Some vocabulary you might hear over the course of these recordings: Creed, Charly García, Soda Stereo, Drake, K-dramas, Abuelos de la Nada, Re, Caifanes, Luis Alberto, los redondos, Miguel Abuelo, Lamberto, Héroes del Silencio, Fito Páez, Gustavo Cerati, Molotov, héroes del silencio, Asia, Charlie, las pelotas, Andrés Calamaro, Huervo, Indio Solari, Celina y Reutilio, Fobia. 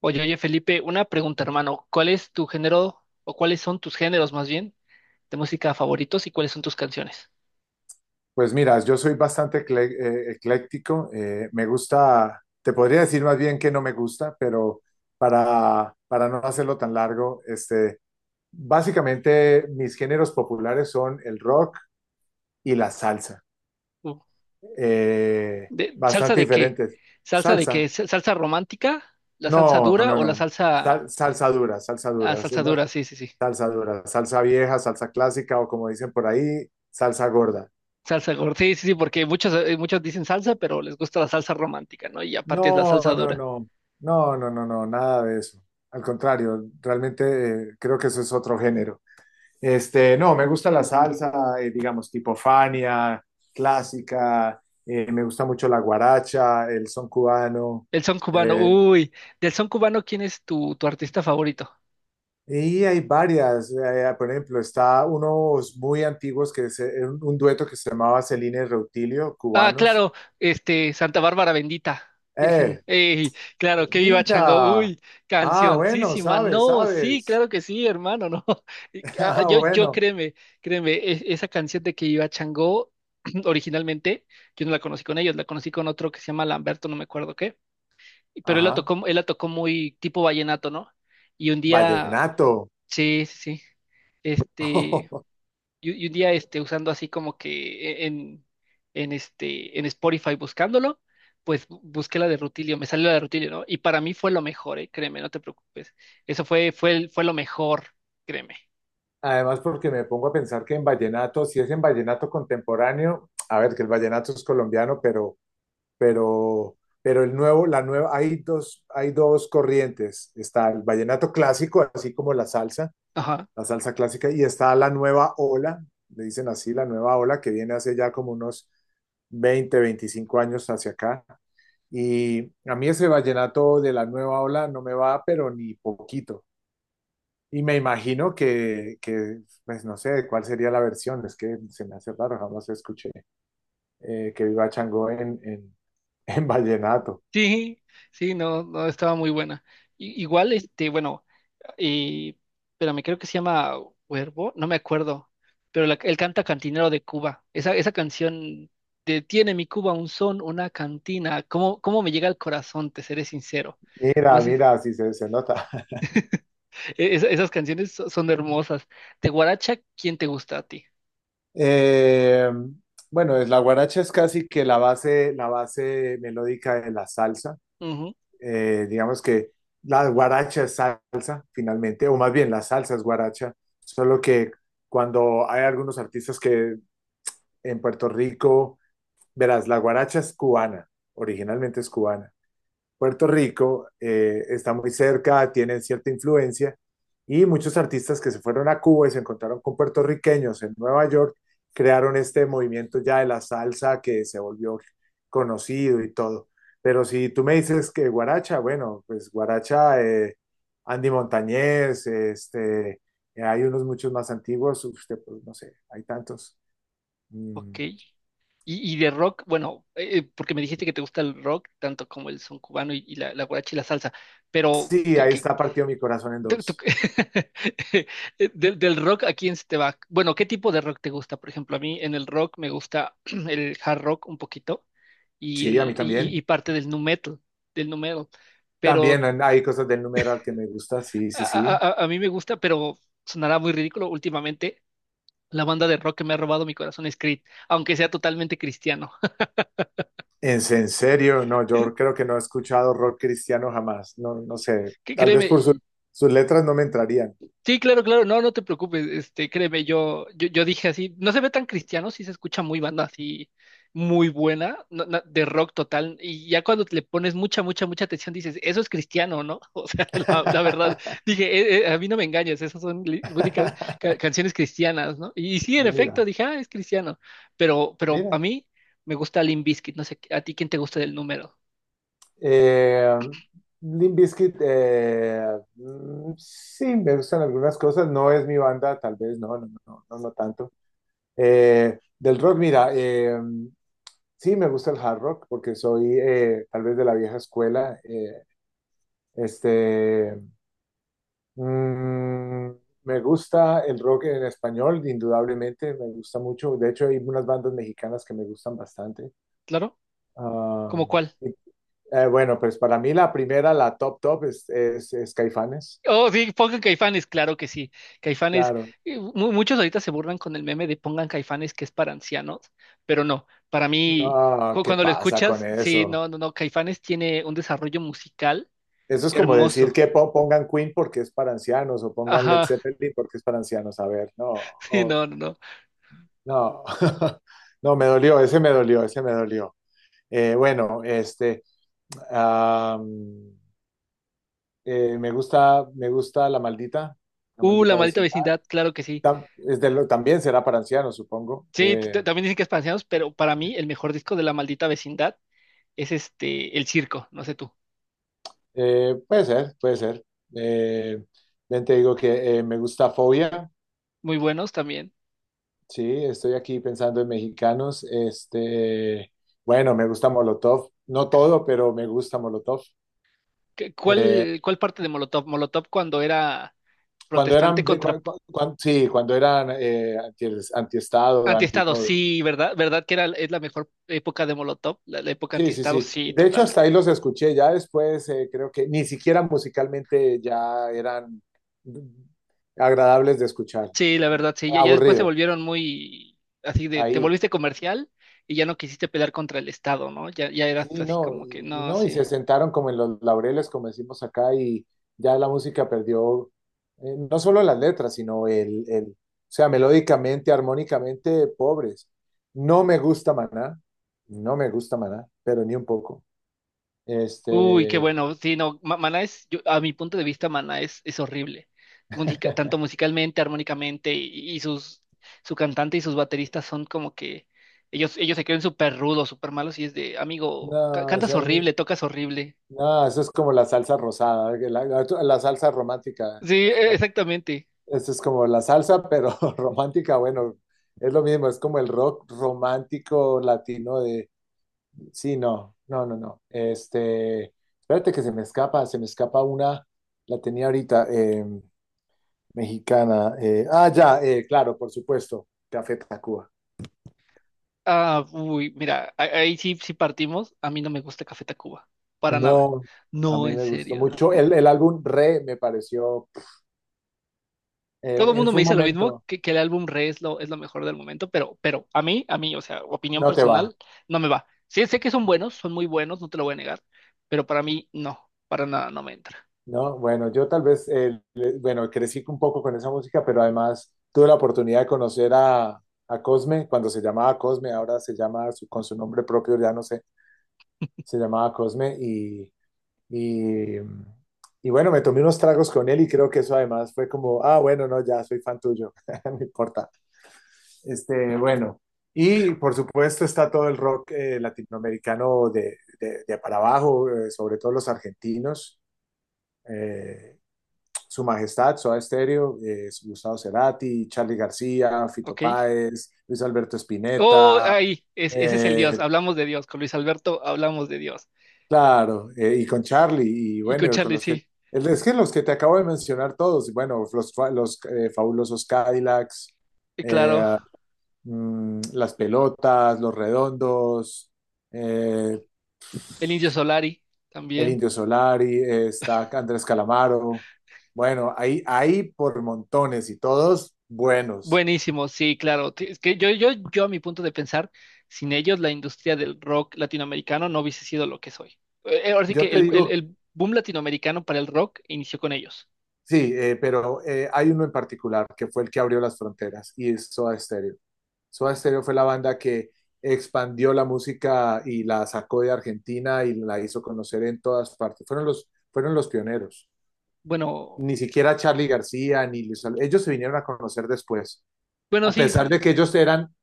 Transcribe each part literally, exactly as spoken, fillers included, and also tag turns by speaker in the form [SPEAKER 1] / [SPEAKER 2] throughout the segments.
[SPEAKER 1] Oye, oye, Felipe, una pregunta, hermano. ¿Cuál es tu género, o cuáles son tus géneros más bien, de música favoritos y cuáles son tus canciones?
[SPEAKER 2] Pues mira, yo soy bastante ecle- eh, ecléctico. Eh, me gusta, te podría decir más bien que no me gusta, pero para, para no hacerlo tan largo, este, básicamente mis géneros populares son el rock y la salsa.
[SPEAKER 1] Uh,
[SPEAKER 2] Eh,
[SPEAKER 1] de- ¿Salsa
[SPEAKER 2] bastante
[SPEAKER 1] de qué?
[SPEAKER 2] diferentes.
[SPEAKER 1] ¿Salsa de qué?
[SPEAKER 2] Salsa.
[SPEAKER 1] ¿Sa- ¿Salsa romántica? ¿La salsa
[SPEAKER 2] No,
[SPEAKER 1] dura
[SPEAKER 2] no,
[SPEAKER 1] o la
[SPEAKER 2] no. Sal-
[SPEAKER 1] salsa...
[SPEAKER 2] salsa dura, salsa
[SPEAKER 1] Ah,
[SPEAKER 2] dura.
[SPEAKER 1] salsa
[SPEAKER 2] No,
[SPEAKER 1] dura, sí, sí, sí.
[SPEAKER 2] salsa dura, salsa vieja, salsa clásica o como dicen por ahí, salsa gorda.
[SPEAKER 1] Salsa gorda, sí, sí, sí, porque muchos, eh, muchos dicen salsa, pero les gusta la salsa romántica, ¿no? Y aparte es la
[SPEAKER 2] No,
[SPEAKER 1] salsa
[SPEAKER 2] no,
[SPEAKER 1] dura.
[SPEAKER 2] no, no, no, no, no, nada de eso. Al contrario, realmente eh, creo que eso es otro género. Este, no, me gusta la salsa, eh, digamos, tipo Fania, clásica, eh, me gusta mucho la guaracha, el son cubano,
[SPEAKER 1] El son cubano,
[SPEAKER 2] eh,
[SPEAKER 1] uy. Del son cubano, ¿quién es tu, tu artista favorito?
[SPEAKER 2] y hay varias, eh, por ejemplo, está unos muy antiguos que es eh, un, un dueto que se llamaba Celina y Reutilio,
[SPEAKER 1] Ah,
[SPEAKER 2] cubanos.
[SPEAKER 1] claro, este, Santa Bárbara bendita, Virgen.
[SPEAKER 2] Eh,
[SPEAKER 1] Ey, claro, que viva Chango.
[SPEAKER 2] Mira,
[SPEAKER 1] Uy,
[SPEAKER 2] ah, bueno,
[SPEAKER 1] cancioncísima.
[SPEAKER 2] sabes,
[SPEAKER 1] No, sí,
[SPEAKER 2] sabes,
[SPEAKER 1] claro que sí, hermano, no. Y, ah,
[SPEAKER 2] ah,
[SPEAKER 1] Yo, yo
[SPEAKER 2] bueno.
[SPEAKER 1] créeme, créeme, e- esa canción de que viva Chango, originalmente, yo no la conocí con ellos, la conocí con otro que se llama Lamberto, no me acuerdo qué, pero él la
[SPEAKER 2] Ajá,
[SPEAKER 1] tocó, él la tocó muy tipo vallenato, ¿no? Y un día,
[SPEAKER 2] vallenato.
[SPEAKER 1] sí, sí, sí, este, y, y un día este, usando así como que en, en, este, en Spotify buscándolo, pues bu- busqué la de Rutilio, me salió la de Rutilio, ¿no? Y para mí fue lo mejor, ¿eh? Créeme, no te preocupes. Eso fue, fue, el- fue lo mejor, créeme.
[SPEAKER 2] Además, porque me pongo a pensar que en vallenato, si es en vallenato contemporáneo, a ver, que el vallenato es colombiano, pero, pero, pero el nuevo, la nueva, hay dos, hay dos corrientes. Está el vallenato clásico, así como la salsa,
[SPEAKER 1] Ajá.
[SPEAKER 2] la salsa clásica, y está la nueva ola, le dicen así, la nueva ola, que viene hace ya como unos veinte veinticinco años hacia acá. Y a mí ese vallenato de la nueva ola no me va, pero ni poquito. Y me imagino que, que, pues no sé cuál sería la versión, es que se me hace raro, jamás escuché eh, que viva Chango en, en, en vallenato.
[SPEAKER 1] Sí, sí, no, no estaba muy buena. I- igual, este, bueno, y, espérame, creo que se llama Huervo, no me acuerdo, pero la- él canta Cantinero de Cuba. Esa, esa canción de Tiene mi Cuba un son, una cantina. ¿Cómo, cómo me llega al corazón, te seré sincero? No
[SPEAKER 2] Mira,
[SPEAKER 1] sé,
[SPEAKER 2] mira, sí se, se nota.
[SPEAKER 1] e- esa- esas canciones so- son hermosas. De Guaracha, ¿quién te gusta a ti?
[SPEAKER 2] Eh, bueno, es, la guaracha es casi que la base, la base melódica de la salsa.
[SPEAKER 1] Ujú,
[SPEAKER 2] Eh, digamos que la guaracha es salsa, finalmente, o más bien la salsa es guaracha, solo que cuando hay algunos artistas que en Puerto Rico. Verás, la guaracha es cubana, originalmente es cubana. Puerto Rico eh, está muy cerca, tiene cierta influencia y muchos artistas que se fueron a Cuba y se encontraron con puertorriqueños en Nueva York crearon este movimiento ya de la salsa que se volvió conocido y todo. Pero si tú me dices que guaracha, bueno, pues guaracha, eh, Andy Montañez, este, eh, hay unos muchos más antiguos, usted, pues no sé, hay tantos.
[SPEAKER 1] ok.
[SPEAKER 2] Mm.
[SPEAKER 1] Y, y de rock, bueno, eh, eh, porque me dijiste que te gusta el rock, tanto como el son cubano y, y la, la guaracha y la salsa, pero
[SPEAKER 2] Sí,
[SPEAKER 1] ¿qué,
[SPEAKER 2] ahí
[SPEAKER 1] qué-
[SPEAKER 2] está partido mi corazón en
[SPEAKER 1] tú- tú-
[SPEAKER 2] dos.
[SPEAKER 1] del, del rock a quién se te va? Bueno, ¿qué tipo de rock te gusta? Por ejemplo, a mí en el rock me gusta el hard rock un poquito y,
[SPEAKER 2] Sí, a mí
[SPEAKER 1] el, y, y- y
[SPEAKER 2] también.
[SPEAKER 1] parte del nu metal, del nu metal,
[SPEAKER 2] También
[SPEAKER 1] pero
[SPEAKER 2] en- hay cosas del numeral que me gusta, sí,
[SPEAKER 1] a,
[SPEAKER 2] sí, sí.
[SPEAKER 1] a- a- a mí me gusta, pero sonará muy ridículo últimamente, la banda de rock que me ha robado mi corazón es Creed, aunque sea totalmente cristiano.
[SPEAKER 2] En, en serio, no, yo creo que no he escuchado rock cristiano jamás. No, no sé,
[SPEAKER 1] Que
[SPEAKER 2] tal
[SPEAKER 1] créeme,
[SPEAKER 2] vez por su- sus letras no me entrarían.
[SPEAKER 1] sí, claro, claro, no, no te preocupes, este, créeme, yo, yo, yo dije así, no se ve tan cristiano, sí se escucha muy banda así, muy buena, no- no, de rock total, y ya cuando le pones mucha, mucha, mucha atención dices, eso es cristiano, ¿no? O sea, la, la verdad, dije, "Eh, eh, a mí no me engañes, esas son li- música- ca- canciones cristianas, ¿no? Y, sí, en
[SPEAKER 2] Mira,
[SPEAKER 1] efecto, dije, ah, es cristiano, pero, pero a
[SPEAKER 2] mira.
[SPEAKER 1] mí me gusta Limp Bizkit, no sé, ¿a ti quién te gusta del número?
[SPEAKER 2] Eh, Limp Bizkit, eh, mm, sí, me gustan algunas cosas, no es mi banda, tal vez, no, no, no, no, no tanto. Eh, del rock, mira, eh, sí me gusta el hard rock porque soy eh, tal vez de la vieja escuela. eh, este, mm, Me gusta el rock en español, indudablemente, me gusta mucho. De hecho, hay unas bandas mexicanas que me gustan bastante.
[SPEAKER 1] ¿Claro?
[SPEAKER 2] Ah,
[SPEAKER 1] ¿Cómo cuál?
[SPEAKER 2] y Eh, bueno, pues para mí la primera, la top top, es, es, es Caifanes.
[SPEAKER 1] Oh, sí, pongan Caifanes, claro que sí. Caifanes,
[SPEAKER 2] Claro.
[SPEAKER 1] eh, mu- muchos ahorita se burlan con el meme de pongan Caifanes que es para ancianos, pero no, para mí,
[SPEAKER 2] No,
[SPEAKER 1] cu-
[SPEAKER 2] ¿qué
[SPEAKER 1] cuando lo
[SPEAKER 2] pasa con
[SPEAKER 1] escuchas, sí,
[SPEAKER 2] eso?
[SPEAKER 1] no, no, no, Caifanes tiene un desarrollo musical
[SPEAKER 2] Eso es como decir
[SPEAKER 1] hermoso.
[SPEAKER 2] que po- pongan Queen porque es para ancianos o pongan Led
[SPEAKER 1] Ajá,
[SPEAKER 2] Zeppelin porque es para ancianos. A ver, no,
[SPEAKER 1] sí,
[SPEAKER 2] o-
[SPEAKER 1] no, no, no.
[SPEAKER 2] no, no, me dolió, ese me dolió, ese me dolió. Eh, bueno, este, am, eh, Me gusta, me gusta La Maldita, La
[SPEAKER 1] Uh, La
[SPEAKER 2] Maldita
[SPEAKER 1] Maldita
[SPEAKER 2] Vecindad.
[SPEAKER 1] Vecindad, claro que sí.
[SPEAKER 2] Tam- es de lo- también será para ancianos, supongo.
[SPEAKER 1] Sí, t- t-
[SPEAKER 2] Eh,
[SPEAKER 1] también dicen que es para ancianos, pero para mí el mejor disco de La Maldita Vecindad es este, El Circo, no sé tú.
[SPEAKER 2] Eh, puede ser, puede ser. Eh, Ven, te digo que eh, me gusta Fobia,
[SPEAKER 1] Muy buenos también.
[SPEAKER 2] sí, estoy aquí pensando en mexicanos. Este, bueno, me gusta Molotov, no todo, pero me gusta Molotov.
[SPEAKER 1] ¿Qué-
[SPEAKER 2] Eh,
[SPEAKER 1] ¿Cuál, Cuál parte de Molotov? Molotov cuando era
[SPEAKER 2] Cuando
[SPEAKER 1] protestante
[SPEAKER 2] eran, de-
[SPEAKER 1] contra
[SPEAKER 2] cua- cua- cuan- sí, cuando eran eh, anti, antiestado, anti
[SPEAKER 1] antiestado,
[SPEAKER 2] todo.
[SPEAKER 1] sí, ¿verdad? ¿Verdad que era, es la mejor época de Molotov? La, la época
[SPEAKER 2] Sí, sí,
[SPEAKER 1] antiestado,
[SPEAKER 2] sí.
[SPEAKER 1] sí,
[SPEAKER 2] De hecho,
[SPEAKER 1] total.
[SPEAKER 2] hasta ahí los escuché. Ya después eh, creo que ni siquiera musicalmente ya eran mm, agradables de escuchar.
[SPEAKER 1] Sí, la verdad, sí. Ya, ya después se
[SPEAKER 2] Aburrido,
[SPEAKER 1] volvieron muy así de, te
[SPEAKER 2] ahí.
[SPEAKER 1] volviste comercial y ya no quisiste pelear contra el Estado, ¿no? Ya, ya eras
[SPEAKER 2] Sí,
[SPEAKER 1] así
[SPEAKER 2] no,
[SPEAKER 1] como que,
[SPEAKER 2] y, y
[SPEAKER 1] no,
[SPEAKER 2] no, y se
[SPEAKER 1] sí.
[SPEAKER 2] sentaron como en los laureles, como decimos acá, y ya la música perdió eh, no solo las letras, sino el, el, o sea, melódicamente, armónicamente, pobres. No me gusta Maná, no me gusta Maná, pero ni un poco.
[SPEAKER 1] Uy, qué
[SPEAKER 2] Este,
[SPEAKER 1] bueno. Sí, no, Ma- Maná es, yo- a mi punto de vista, Maná es, es horrible. Musica- tanto musicalmente, armónicamente, y, y sus, su cantante y sus bateristas son como que ellos, ellos se creen súper rudos, súper malos, y es de, amigo, ca-
[SPEAKER 2] no, o
[SPEAKER 1] cantas
[SPEAKER 2] sea, a
[SPEAKER 1] horrible,
[SPEAKER 2] mí-
[SPEAKER 1] tocas horrible.
[SPEAKER 2] no, eso es como la salsa rosada, que la, la- la salsa romántica.
[SPEAKER 1] Sí, e- exactamente.
[SPEAKER 2] Esto es como la salsa, pero romántica, bueno, es lo mismo, es como el rock romántico latino. Sí, no, no, no, no. Este, espérate que se me escapa, se me escapa una, la tenía ahorita, eh, mexicana. eh, ah, ya, eh, claro, por supuesto, Café Tacuba.
[SPEAKER 1] Ah, uy, mira, a- ahí sí, sí partimos. A mí no me gusta Café Tacuba, para nada.
[SPEAKER 2] No, a
[SPEAKER 1] No,
[SPEAKER 2] mí
[SPEAKER 1] en
[SPEAKER 2] me gustó
[SPEAKER 1] serio.
[SPEAKER 2] mucho. El, el álbum Re me pareció,
[SPEAKER 1] Todo
[SPEAKER 2] eh,
[SPEAKER 1] el
[SPEAKER 2] en
[SPEAKER 1] mundo me
[SPEAKER 2] fue un
[SPEAKER 1] dice lo mismo,
[SPEAKER 2] momento,
[SPEAKER 1] que, que el álbum Re es lo, es lo mejor del momento, pero, pero a mí, a mí, o sea, opinión
[SPEAKER 2] no te va,
[SPEAKER 1] personal, no me va. Sí, sé que son buenos, son muy buenos, no te lo voy a negar, pero para mí no, para nada no me entra.
[SPEAKER 2] ¿no? Bueno, yo tal vez, eh, le- bueno, crecí un poco con esa música, pero además tuve la oportunidad de conocer a, a Cosme, cuando se llamaba Cosme, ahora se llama su- con su nombre propio, ya no sé, se llamaba Cosme y... Y, y bueno, me tomé unos tragos con él y creo que eso además fue como, ah, bueno, no, ya soy fan tuyo, no importa. Este, bueno, y por supuesto está todo el rock eh, latinoamericano de, de- de para abajo, eh, sobre todo los argentinos, eh, Su Majestad, Soda Stereo, eh, Gustavo Cerati, Charly García, Fito
[SPEAKER 1] ¿Ok?
[SPEAKER 2] Páez, Luis Alberto
[SPEAKER 1] Oh,
[SPEAKER 2] Spinetta,
[SPEAKER 1] ahí, es- ese es el Dios.
[SPEAKER 2] eh,
[SPEAKER 1] Hablamos de Dios. Con Luis Alberto hablamos de Dios.
[SPEAKER 2] Claro, eh, y con Charlie, y
[SPEAKER 1] Y con
[SPEAKER 2] bueno, con
[SPEAKER 1] Charlie,
[SPEAKER 2] los que,
[SPEAKER 1] sí,
[SPEAKER 2] el- es que los que te acabo de mencionar todos, bueno, los, fa- los eh, fabulosos Cadillacs,
[SPEAKER 1] y claro.
[SPEAKER 2] eh, mm, las pelotas, los redondos, eh,
[SPEAKER 1] El Indio Solari
[SPEAKER 2] el
[SPEAKER 1] también.
[SPEAKER 2] Indio Solari, eh, está Andrés Calamaro, bueno, ahí, ahí por montones y todos buenos.
[SPEAKER 1] Buenísimo, sí, claro. T- Es que yo, yo, yo, a mi punto de pensar, sin ellos la industria del rock latinoamericano no hubiese sido lo que soy. Eh, eh, Ahora sí
[SPEAKER 2] Yo
[SPEAKER 1] que
[SPEAKER 2] te
[SPEAKER 1] el, el-
[SPEAKER 2] digo,
[SPEAKER 1] el boom latinoamericano para el rock inició con ellos.
[SPEAKER 2] sí, eh, pero eh, hay uno en particular que fue el que abrió las fronteras y es Soda Stereo. Soda Stereo fue la banda que expandió la música y la sacó de Argentina y la hizo conocer en todas partes. Fueron los, fueron los pioneros.
[SPEAKER 1] Bueno,
[SPEAKER 2] Ni siquiera Charlie García, ni Luis Al- ellos se vinieron a conocer después,
[SPEAKER 1] bueno,
[SPEAKER 2] a
[SPEAKER 1] sí,
[SPEAKER 2] pesar
[SPEAKER 1] sí,
[SPEAKER 2] de que ellos eran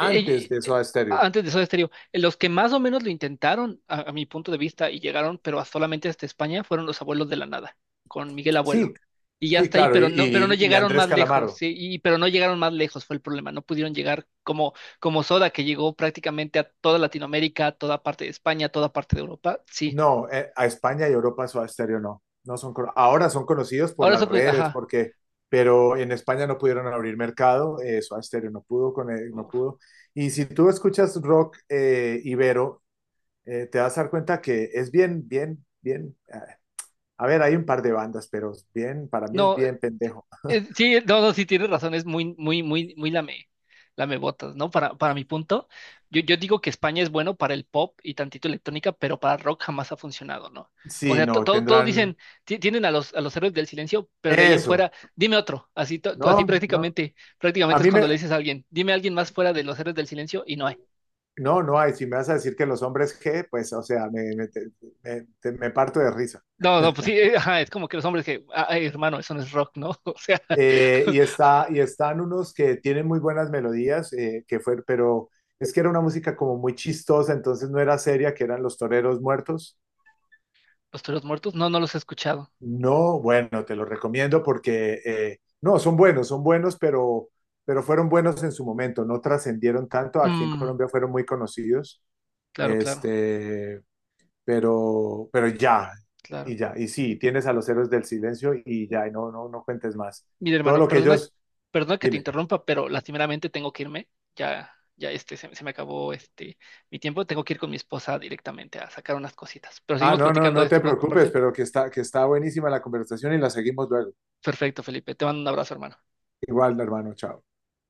[SPEAKER 1] Eh, eh,
[SPEAKER 2] de
[SPEAKER 1] eh,
[SPEAKER 2] Soda Stereo.
[SPEAKER 1] Antes de Soda Stereo, eh, los que más o menos lo intentaron, a, a mi punto de vista, y llegaron, pero a- solamente hasta España, fueron los Abuelos de la Nada, con Miguel
[SPEAKER 2] Sí,
[SPEAKER 1] Abuelo. Y ya
[SPEAKER 2] sí,
[SPEAKER 1] está ahí,
[SPEAKER 2] claro, y,
[SPEAKER 1] pero no, pero no
[SPEAKER 2] y- y
[SPEAKER 1] llegaron
[SPEAKER 2] Andrés
[SPEAKER 1] más lejos,
[SPEAKER 2] Calamaro.
[SPEAKER 1] sí, y, pero no llegaron más lejos, fue el problema. No pudieron llegar como, como Soda, que llegó prácticamente a toda Latinoamérica, a toda parte de España, a toda parte de Europa, sí.
[SPEAKER 2] No, eh, a España y Europa Soda Stereo no. No son, cono- ahora son conocidos por
[SPEAKER 1] Ahora
[SPEAKER 2] las
[SPEAKER 1] eso, pues,
[SPEAKER 2] redes,
[SPEAKER 1] ajá.
[SPEAKER 2] porque, pero en España no pudieron abrir mercado, eh, Soda Stereo no pudo, con el- no
[SPEAKER 1] Uf.
[SPEAKER 2] pudo. Y si tú escuchas rock eh, ibero, eh, te vas a dar cuenta que es bien, bien, bien. eh, A ver, hay un par de bandas, pero es bien, para mí es
[SPEAKER 1] No,
[SPEAKER 2] bien pendejo.
[SPEAKER 1] Eh, sí, no, no, sí tienes razón, es muy, muy, muy, muy lame, lamebotas, ¿no? Para, para mi punto, yo, yo digo que España es bueno para el pop y tantito electrónica, pero para rock jamás ha funcionado, ¿no? O
[SPEAKER 2] Sí,
[SPEAKER 1] sea, to-
[SPEAKER 2] no,
[SPEAKER 1] todo- todos
[SPEAKER 2] tendrán
[SPEAKER 1] dicen, ti- tienen a los, a los héroes del silencio, pero de ahí en
[SPEAKER 2] eso.
[SPEAKER 1] fuera, dime otro, así, to- to- así
[SPEAKER 2] No, no.
[SPEAKER 1] prácticamente,
[SPEAKER 2] A
[SPEAKER 1] prácticamente es
[SPEAKER 2] mí me,
[SPEAKER 1] cuando le dices a alguien, dime a alguien más fuera de los héroes del silencio y no hay.
[SPEAKER 2] no, no hay. Si me vas a decir que los hombres G, pues, o sea, me, me, te- me te- me parto de risa.
[SPEAKER 1] No, no, pues sí, eh, ajá, es como que los hombres que, "Ah, ay, hermano, eso no es rock, ¿no? O sea,
[SPEAKER 2] Eh, y está, y están unos que tienen muy buenas melodías, eh, que fue, pero es que era una música como muy chistosa, entonces no era seria, que eran Los Toreros Muertos.
[SPEAKER 1] los toros muertos, no, no los he escuchado.
[SPEAKER 2] No, bueno, te lo recomiendo porque, eh, no, son buenos, son buenos, pero, pero fueron buenos en su momento, no trascendieron tanto, aquí en
[SPEAKER 1] Mm,
[SPEAKER 2] Colombia fueron muy conocidos,
[SPEAKER 1] claro, claro,
[SPEAKER 2] este, pero, pero ya,
[SPEAKER 1] claro.
[SPEAKER 2] y ya, y sí, tienes a los héroes del silencio y ya, y no, no, no cuentes más.
[SPEAKER 1] Mira,
[SPEAKER 2] Todo
[SPEAKER 1] hermano,
[SPEAKER 2] lo que
[SPEAKER 1] perdona,
[SPEAKER 2] ellos,
[SPEAKER 1] perdona que te
[SPEAKER 2] dime.
[SPEAKER 1] interrumpa, pero lastimeramente tengo que irme. Ya, ya este, se, se me acabó este mi tiempo. Tengo que ir con mi esposa directamente a sacar unas cositas. Pero
[SPEAKER 2] Ah,
[SPEAKER 1] seguimos
[SPEAKER 2] no, no,
[SPEAKER 1] platicando de
[SPEAKER 2] no
[SPEAKER 1] esto,
[SPEAKER 2] te
[SPEAKER 1] ¿no te
[SPEAKER 2] preocupes,
[SPEAKER 1] parece?
[SPEAKER 2] pero que está, que está buenísima la conversación y la seguimos luego.
[SPEAKER 1] Perfecto, Felipe. Te mando un abrazo, hermano.
[SPEAKER 2] Igual, hermano, chao.